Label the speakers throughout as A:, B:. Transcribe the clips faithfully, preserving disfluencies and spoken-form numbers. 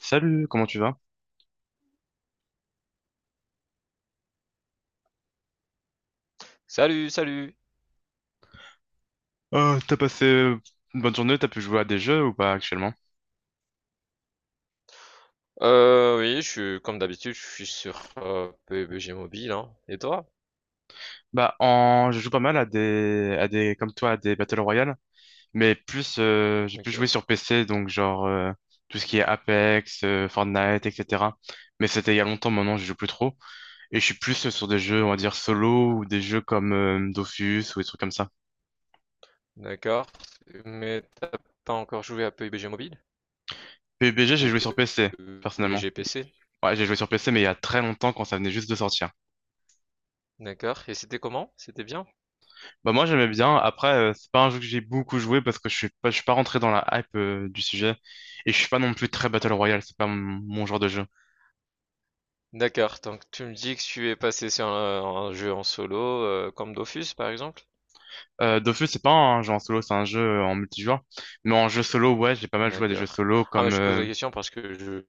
A: Salut, comment tu vas?
B: Salut, salut.
A: Euh, t'as passé euh, une bonne journée, t'as pu jouer à des jeux ou pas actuellement?
B: Euh, oui, je suis comme d'habitude, je suis sur euh, P U B G Mobile, hein. Et toi?
A: Bah, en... je joue pas mal à des... à des, comme toi, à des Battle Royale, mais plus, euh, j'ai plus joué
B: Ok.
A: sur P C, donc genre euh, tout ce qui est Apex, euh, Fortnite, et cetera. Mais c'était il y a longtemps, maintenant
B: Ah,
A: je joue plus trop, et je suis plus euh, sur des jeux, on va dire solo ou des jeux comme euh, Dofus ou des trucs comme ça.
B: d'accord. Mais t'as pas encore joué à P U B G Mobile?
A: PUBG, j'ai
B: Ou
A: joué sur P C, personnellement.
B: P U B G P C?
A: Ouais, j'ai joué sur P C, mais il y a très longtemps quand ça venait juste de sortir.
B: D'accord. Et c'était comment? C'était bien?
A: Bah moi j'aimais bien. Après euh, c'est pas un jeu que j'ai beaucoup joué parce que je suis pas je suis pas rentré dans la hype euh, du sujet et je suis pas non plus très Battle Royale, c'est pas mon, mon genre de jeu.
B: D'accord. Donc tu me dis que tu es passé sur un, un jeu en solo, euh, comme Dofus par exemple?
A: Euh, Dofus c'est pas un jeu en solo, c'est un jeu euh, en multijoueur. Mais en jeu solo ouais j'ai pas mal joué à des jeux
B: D'accord.
A: solo
B: Ah, mais
A: comme
B: je te pose
A: euh,
B: la question parce que je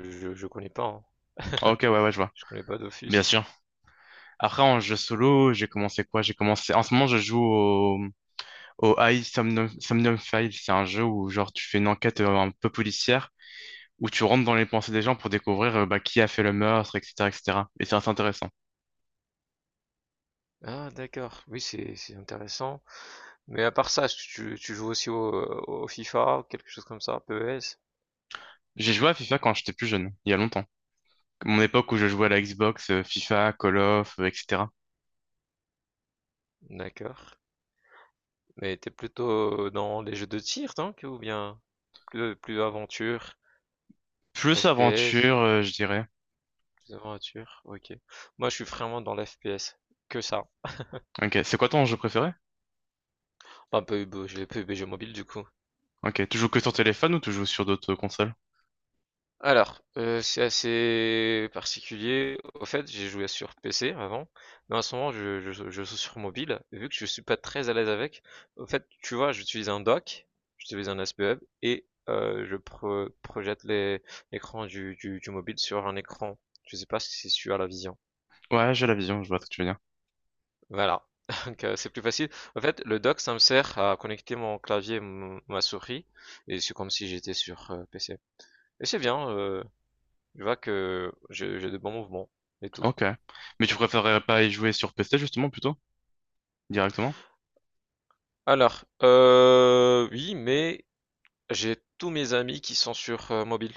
B: je, je connais pas, hein.
A: ah, ok, ouais ouais je vois.
B: Je connais pas
A: Bien
B: d'office.
A: sûr. Après en jeu solo j'ai commencé quoi? J'ai commencé En ce moment je joue au au High Somnium, Somnium Files. C'est un jeu où genre tu fais une enquête euh, un peu policière où tu rentres dans les pensées des gens pour découvrir euh, bah, qui a fait le meurtre etc et cetera Et cetera. Et c'est assez intéressant.
B: Ah d'accord, oui c'est c'est intéressant. Mais à part ça, tu, tu joues aussi au, au FIFA, quelque chose comme ça, P E S?
A: J'ai joué à FIFA quand j'étais plus jeune, il y a longtemps. Mon époque où je jouais à la Xbox, euh, FIFA, Call of, euh, et cetera.
B: D'accord. Mais t'es plutôt dans les jeux de tir, donc, ou bien plus, plus aventure,
A: Plus
B: F P S,
A: aventure, euh, je dirais.
B: plus aventure, ok. Moi je suis vraiment dans l'F P S, que ça.
A: Ok, c'est quoi ton jeu préféré?
B: Pas P U B G, j'ai P U B G mobile du coup.
A: Ok, tu joues que sur téléphone ou tu joues sur d'autres consoles?
B: Alors, heu, c'est assez particulier. Au fait, j'ai joué sur P C avant, mais en ce moment je je joue je joue sur mobile, et vu que je suis pas très à l'aise avec, au fait, tu vois, j'utilise un dock, j'utilise un S P U B et heu, je pro projette les l'écran du du du mobile sur un écran. Je sais pas si tu as la vision.
A: Ouais, j'ai la vision, je vois ce que tu veux dire.
B: Voilà, donc heu, c'est plus facile. En fait, le dock, ça me sert à connecter mon clavier, m ma souris, et c'est comme si j'étais sur, heu, P C, et c'est bien, heu je vois que j'ai j'ai de bons mouvements et tout.
A: Ok. Mais tu préférerais pas y jouer sur P C justement plutôt? Directement?
B: Alors, euh, oui, mais j'ai tous mes amis qui sont sur euh, mobile.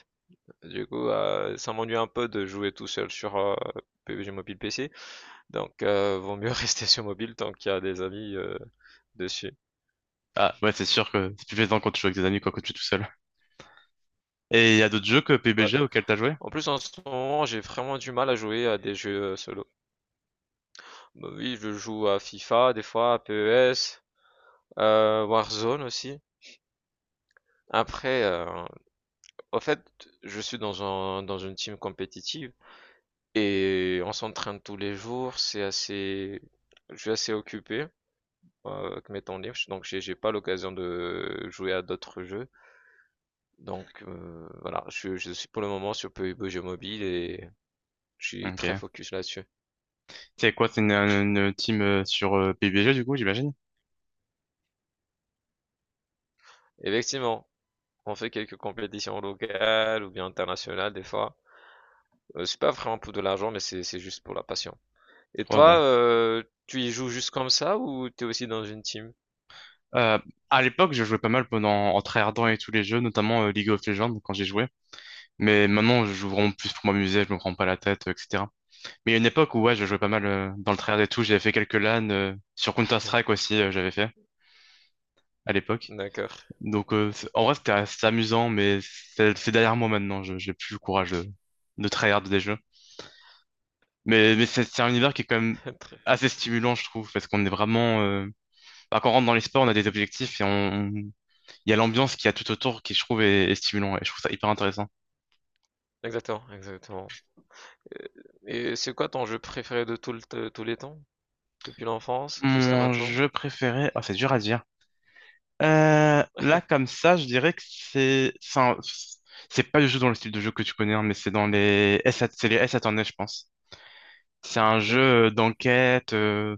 B: Du coup, euh, ça m'ennuie un peu de jouer tout seul sur euh, P U B G Mobile P C. Donc, euh, vaut mieux rester sur mobile tant qu'il y a des amis euh, dessus.
A: Ah, ouais, c'est sûr que c'est plus plaisant quand tu joues avec tes amis, quoi, quand tu es tout seul. Et il y a d'autres jeux que
B: Ouais.
A: PUBG auxquels t'as joué?
B: En plus, en ce moment, j'ai vraiment du mal à jouer à des jeux euh, solo. Bah oui, je joue à FIFA des fois, à P E S, euh, Warzone aussi. Après, euh, au fait, je suis dans un, dans une team compétitive. Et on s'entraîne tous les jours, c'est assez, je suis assez occupé, euh, avec mes temps libres, donc j'ai j'ai pas l'occasion de jouer à d'autres jeux. Donc euh, voilà, je, je suis pour le moment sur P U B G Jeux Mobile et je suis très
A: Ok.
B: focus là-dessus.
A: C'est quoi, c'est une, une team euh, sur euh, PUBG, du coup, j'imagine?
B: Effectivement, on fait quelques compétitions locales ou bien internationales des fois. Euh, c'est pas vraiment pour de l'argent, mais c'est c'est juste pour la passion. Et
A: Ouais,
B: toi,
A: bah.
B: euh, tu y joues juste comme ça ou t'es aussi dans une team?
A: Euh, à l'époque, je jouais pas mal pendant, en tryhardant et tous les jeux, notamment euh, League of Legends, quand j'y jouais. Mais maintenant, je joue vraiment plus pour m'amuser, je me prends pas la tête, euh, et cetera. Mais il y a une époque où, ouais, je jouais pas mal euh, dans le tryhard et tout, j'avais fait quelques LAN, euh, sur Counter-Strike aussi, euh, j'avais fait, à l'époque.
B: D'accord.
A: Donc, euh, c'est- en vrai, c'était c'était amusant, mais c'est c'est derrière moi maintenant. Je J'ai plus le courage de, de tryhard des jeux. Mais, mais c'est c'est un univers qui est quand même
B: Très-
A: assez stimulant, je trouve, parce qu'on est vraiment. Euh, bah, quand on rentre dans les sports, on a des objectifs et on, on- il y a l'ambiance qu'il y a tout autour qui, je trouve, est, est stimulant et je trouve ça hyper intéressant.
B: Exactement, exactement. Euh, Et c'est quoi ton jeu préféré de tout le t- tous les temps? Depuis l'enfance jusqu'à
A: Mon
B: maintenant?
A: jeu préféré, ah c'est dur à dire. Euh, là, comme ça, je dirais que c'est c'est un- c'est pas du tout dans le style de jeu que tu connais, hein, mais c'est dans les S, A T, c'est les S A à tourner, je pense. C'est un
B: D'accord.
A: jeu d'enquête. euh,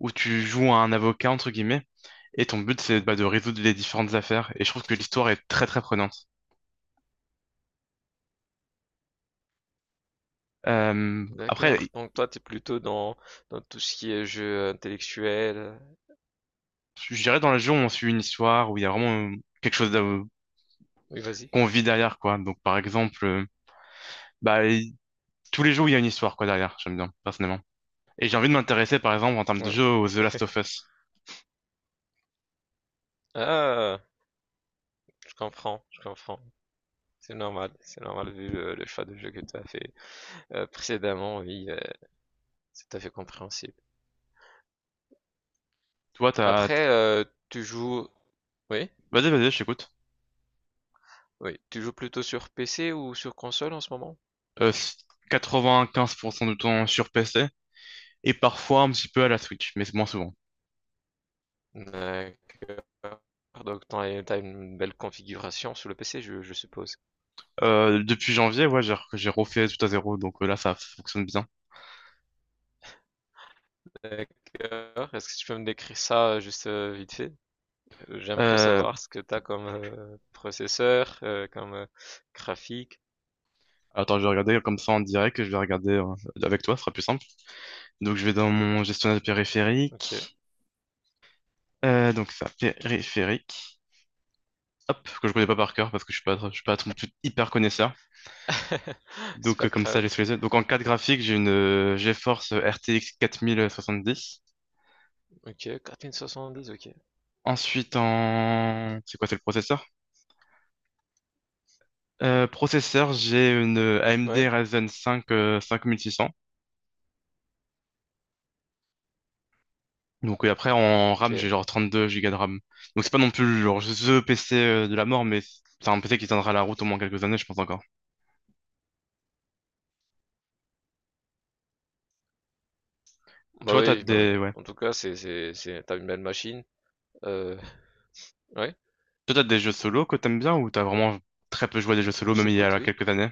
A: Où tu joues à un avocat, entre guillemets, et ton but, c'est bah, de
B: Mhm.
A: résoudre les différentes affaires. Et je trouve que l'histoire est très, très prenante. Euh,
B: D'accord.
A: après,
B: Donc toi, t'es plutôt dans, dans tout ce qui est jeu intellectuel.
A: je dirais dans le jeu, on suit une histoire où il y a vraiment euh, quelque chose de-
B: Oui, vas-y.
A: qu'on vit derrière, quoi. Donc, par exemple, euh, bah, il- tous les jours, il y a une histoire, quoi, derrière. J'aime bien, personnellement. Et j'ai envie de m'intéresser, par exemple, en termes de
B: Ouais.
A: jeu, aux The Last of Us.
B: Ah, je comprends, je comprends. C'est normal, c'est normal, vu euh, le choix de jeu que tu as fait euh, précédemment. Oui, euh, c'est tout à fait compréhensible.
A: Toi, t'as...
B: Après, euh, tu joues... Oui?
A: Vas-y, vas-y, je t'écoute.
B: Oui. Tu joues plutôt sur P C ou sur console en ce moment?
A: Euh, quatre-vingt-quinze pour cent du temps sur P C, et parfois un petit peu à la Switch, mais c'est moins souvent.
B: D'accord. Donc tu as une belle configuration sur le P C, je, je suppose.
A: Euh, depuis janvier, ouais, j'ai j'ai refait tout à zéro, donc euh, là, ça fonctionne bien.
B: D'accord. Est-ce que tu peux me décrire ça euh, juste euh, vite fait? Euh, J'aimerais
A: Euh,
B: savoir ce que tu as comme euh, processeur, euh, comme euh, graphique.
A: Attends, je vais regarder comme ça en direct, je vais regarder euh, avec toi, ce sera plus simple. Donc, je vais dans mon gestionnaire de
B: Ok.
A: périphérique. Euh, donc, ça, périphérique. Hop, que je connais pas par cœur parce que je suis pas, je suis pas non hyper connaisseur.
B: C'est
A: Donc,
B: pas
A: euh, comme ça,
B: grave.
A: j'ai sous les yeux. Donc, en carte graphique, j'ai une euh, GeForce R T X quarante soixante-dix.
B: Ok, quatre mille soixante-dix, ok.
A: Ensuite, en... C'est quoi, c'est le processeur? Euh, processeur, j'ai une A M D
B: Ouais,
A: Ryzen cinq euh, cinq mille six cents. Donc et après en RAM j'ai
B: ok.
A: genre trente-deux Go de RAM. Donc c'est pas non plus genre ce P C euh, de la mort mais c'est un P C qui tiendra la route au moins quelques années je pense encore.
B: Bah
A: Toi t'as
B: oui, bah oui.
A: des ouais.
B: En tout cas, c'est, c'est, c'est, t'as une belle machine. Euh, ouais,
A: Toi t'as des jeux solo que t'aimes bien ou t'as vraiment très peu joué à des jeux solo
B: je
A: même il y
B: t'écoute,
A: a
B: oui.
A: quelques années?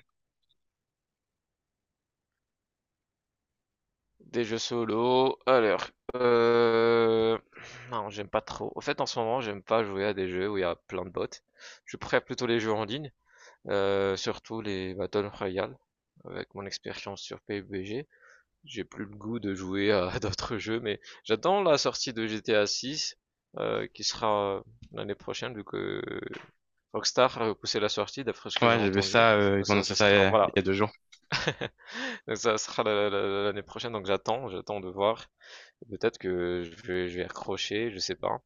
B: Des jeux solo. Alors, euh... non, j'aime pas trop. En fait, en ce moment, j'aime pas jouer à des jeux où il y a plein de bots. Je préfère plutôt les jeux en ligne, euh, surtout les Battle Royale. Avec mon expérience sur P U B G, j'ai plus le goût de jouer à d'autres jeux, mais j'attends la sortie de G T A six, euh, qui sera l'année prochaine, vu que Rockstar a repoussé la sortie, d'après ce que j'ai
A: Ouais j'ai vu
B: entendu.
A: ça, euh,
B: Donc
A: ils ont
B: ça,
A: annoncé
B: ça
A: ça il y
B: sera,
A: a, il
B: voilà,
A: y a deux jours.
B: donc ça sera l'année prochaine. Donc j'attends, j'attends de voir. Peut-être que je vais, je vais accrocher, je sais pas.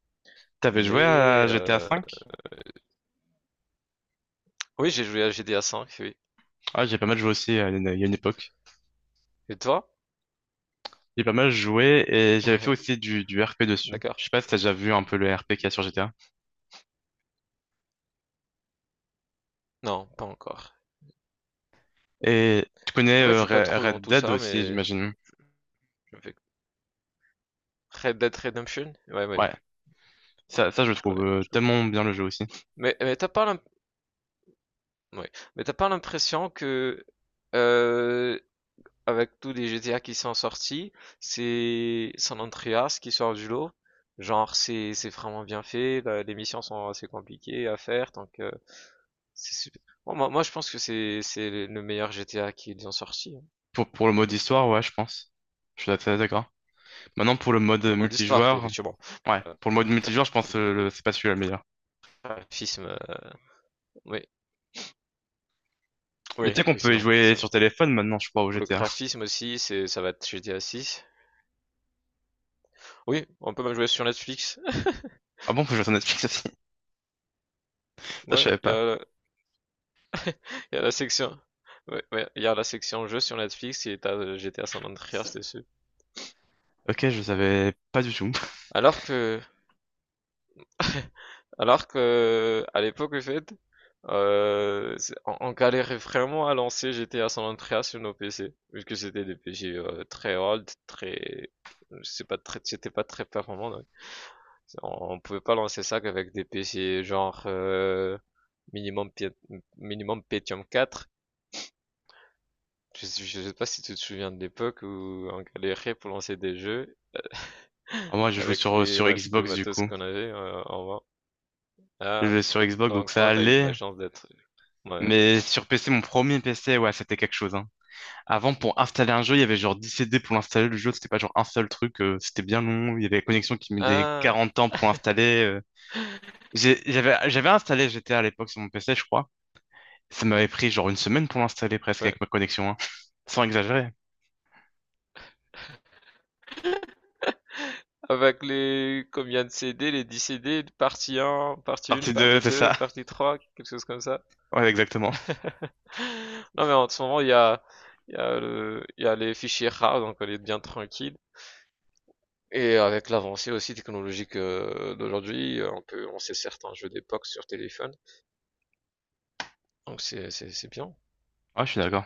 A: T'avais joué
B: Mais
A: à G T A
B: euh,
A: V?
B: oui, j'ai joué à G T A V, oui.
A: Ah j'ai pas mal joué aussi à une- il y a une époque.
B: Et toi?
A: J'ai pas mal joué et j'avais fait aussi du, du R P dessus.
B: D'accord.
A: Je sais pas si t'as déjà vu un peu le R P qu'il y a sur G T A.
B: Non, pas encore.
A: Et tu connais
B: En fait, je
A: euh,
B: suis pas
A: Red
B: trop dans
A: Red
B: tout
A: Dead
B: ça,
A: aussi
B: mais
A: j'imagine.
B: je fais Red Dead Redemption? Ouais, ouais, ouais,
A: Ouais. Ça, ça, je
B: je
A: trouve
B: connais,
A: euh,
B: je connais.
A: tellement bien le jeu aussi.
B: Mais, mais t'as pas l'im- ouais. Mais t'as pas l'impression que euh, avec tous les G T A qui sont sortis, c'est San Andreas qui sort du lot. Genre, c'est c'est vraiment bien fait, la- les missions sont assez compliquées à faire, donc euh, C'est sup moi moi moi je pense que c'est c'est le le meilleur G T A qu'ils ont sorti, hein.
A: Pour, pour le mode histoire, ouais, je pense. Je suis assez d'accord. Maintenant, pour le mode euh,
B: Le mode histoire, oui,
A: multijoueur,
B: effectivement.
A: ouais,
B: Heu,
A: pour le mode multijoueur, je pense que le- c'est pas celui-là le meilleur.
B: graphisme, heu, oui,
A: Mais tu
B: oui,
A: sais qu'on peut y
B: effectivement,
A: jouer sur
B: effectivement.
A: téléphone maintenant, je crois, au
B: Pour le
A: G T A.
B: graphisme aussi, c'est ça va être G T A six. Oui, on peut même jouer sur Netflix.
A: Ah bon, faut jouer sur Netflix aussi. Ça, je
B: Ouais,
A: savais
B: il y
A: pas.
B: a il y a la section ouais, ouais, il y a la section jeux sur Netflix et tu as, heu, G T A San Andreas dessus.
A: Ok, je savais pas du tout.
B: Alors que alors que, à l'époque, en fait Euh, c'est- on, on galérait vraiment à lancer G T A San Andreas sur nos P C, vu que c'était des P C euh, très old, très, c'est pas très, c'était pas très performant. Donc c'est- on, on pouvait pas lancer ça qu'avec des P C genre euh, minimum Pie- minimum Pentium quatre. Je, sais- je sais pas si tu te souviens de l'époque où on galérait pour lancer des jeux
A: Ah, moi, je jouais
B: avec
A: sur, euh,
B: les
A: sur
B: mat- le
A: Xbox, du
B: matos
A: coup.
B: qu'on avait euh, en main.
A: Je
B: Ah,
A: jouais sur Xbox, donc
B: donc
A: ça
B: toi t'as eu de la
A: allait.
B: chance d'être. Ouais.
A: Mais sur P C, mon premier P C, ouais, c'était quelque chose, hein. Avant, pour installer un jeu, il y avait genre dix C D pour l'installer. Le jeu, c'était pas genre un seul truc. Euh, c'était bien long. Il y avait la connexion qui mettait
B: Ah.
A: quarante ans pour l'installer. euh. J'ai- J'avais, j'avais installé G T A à l'époque sur mon P C, je crois. Ça m'avait pris genre une semaine pour l'installer presque
B: Ouais.
A: avec ma connexion, hein. Sans exagérer.
B: Avec les combien de C D, les dix C D, partie un, partie un,
A: Partie deux,
B: partie
A: c'est
B: deux,
A: ça.
B: partie trois, quelque chose comme ça.
A: Ouais, exactement.
B: Non mais en ce moment il y a, il y a le, il y a les fichiers rares, donc on est bien tranquille. Et avec l'avancée aussi technologique euh, d'aujourd'hui, euh, on peut lancer certains jeux d'époque sur téléphone. Donc c'est, c'est bien.
A: Ouais, je suis d'accord.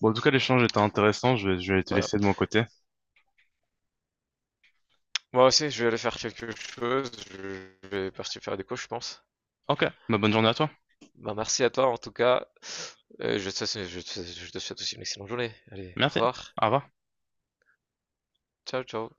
A: Bon, en tout cas, l'échange était intéressant. Je vais, je vais te
B: Voilà.
A: laisser de mon côté.
B: Moi aussi, je vais aller faire quelque chose. Je vais partir faire des cours, je pense.
A: Ok, bah, bonne journée à toi.
B: Bah, merci à toi en tout cas. Euh, je te je te je te souhaite aussi une excellente journée. Allez, au
A: Merci.
B: revoir.
A: Au revoir.
B: Ciao, ciao.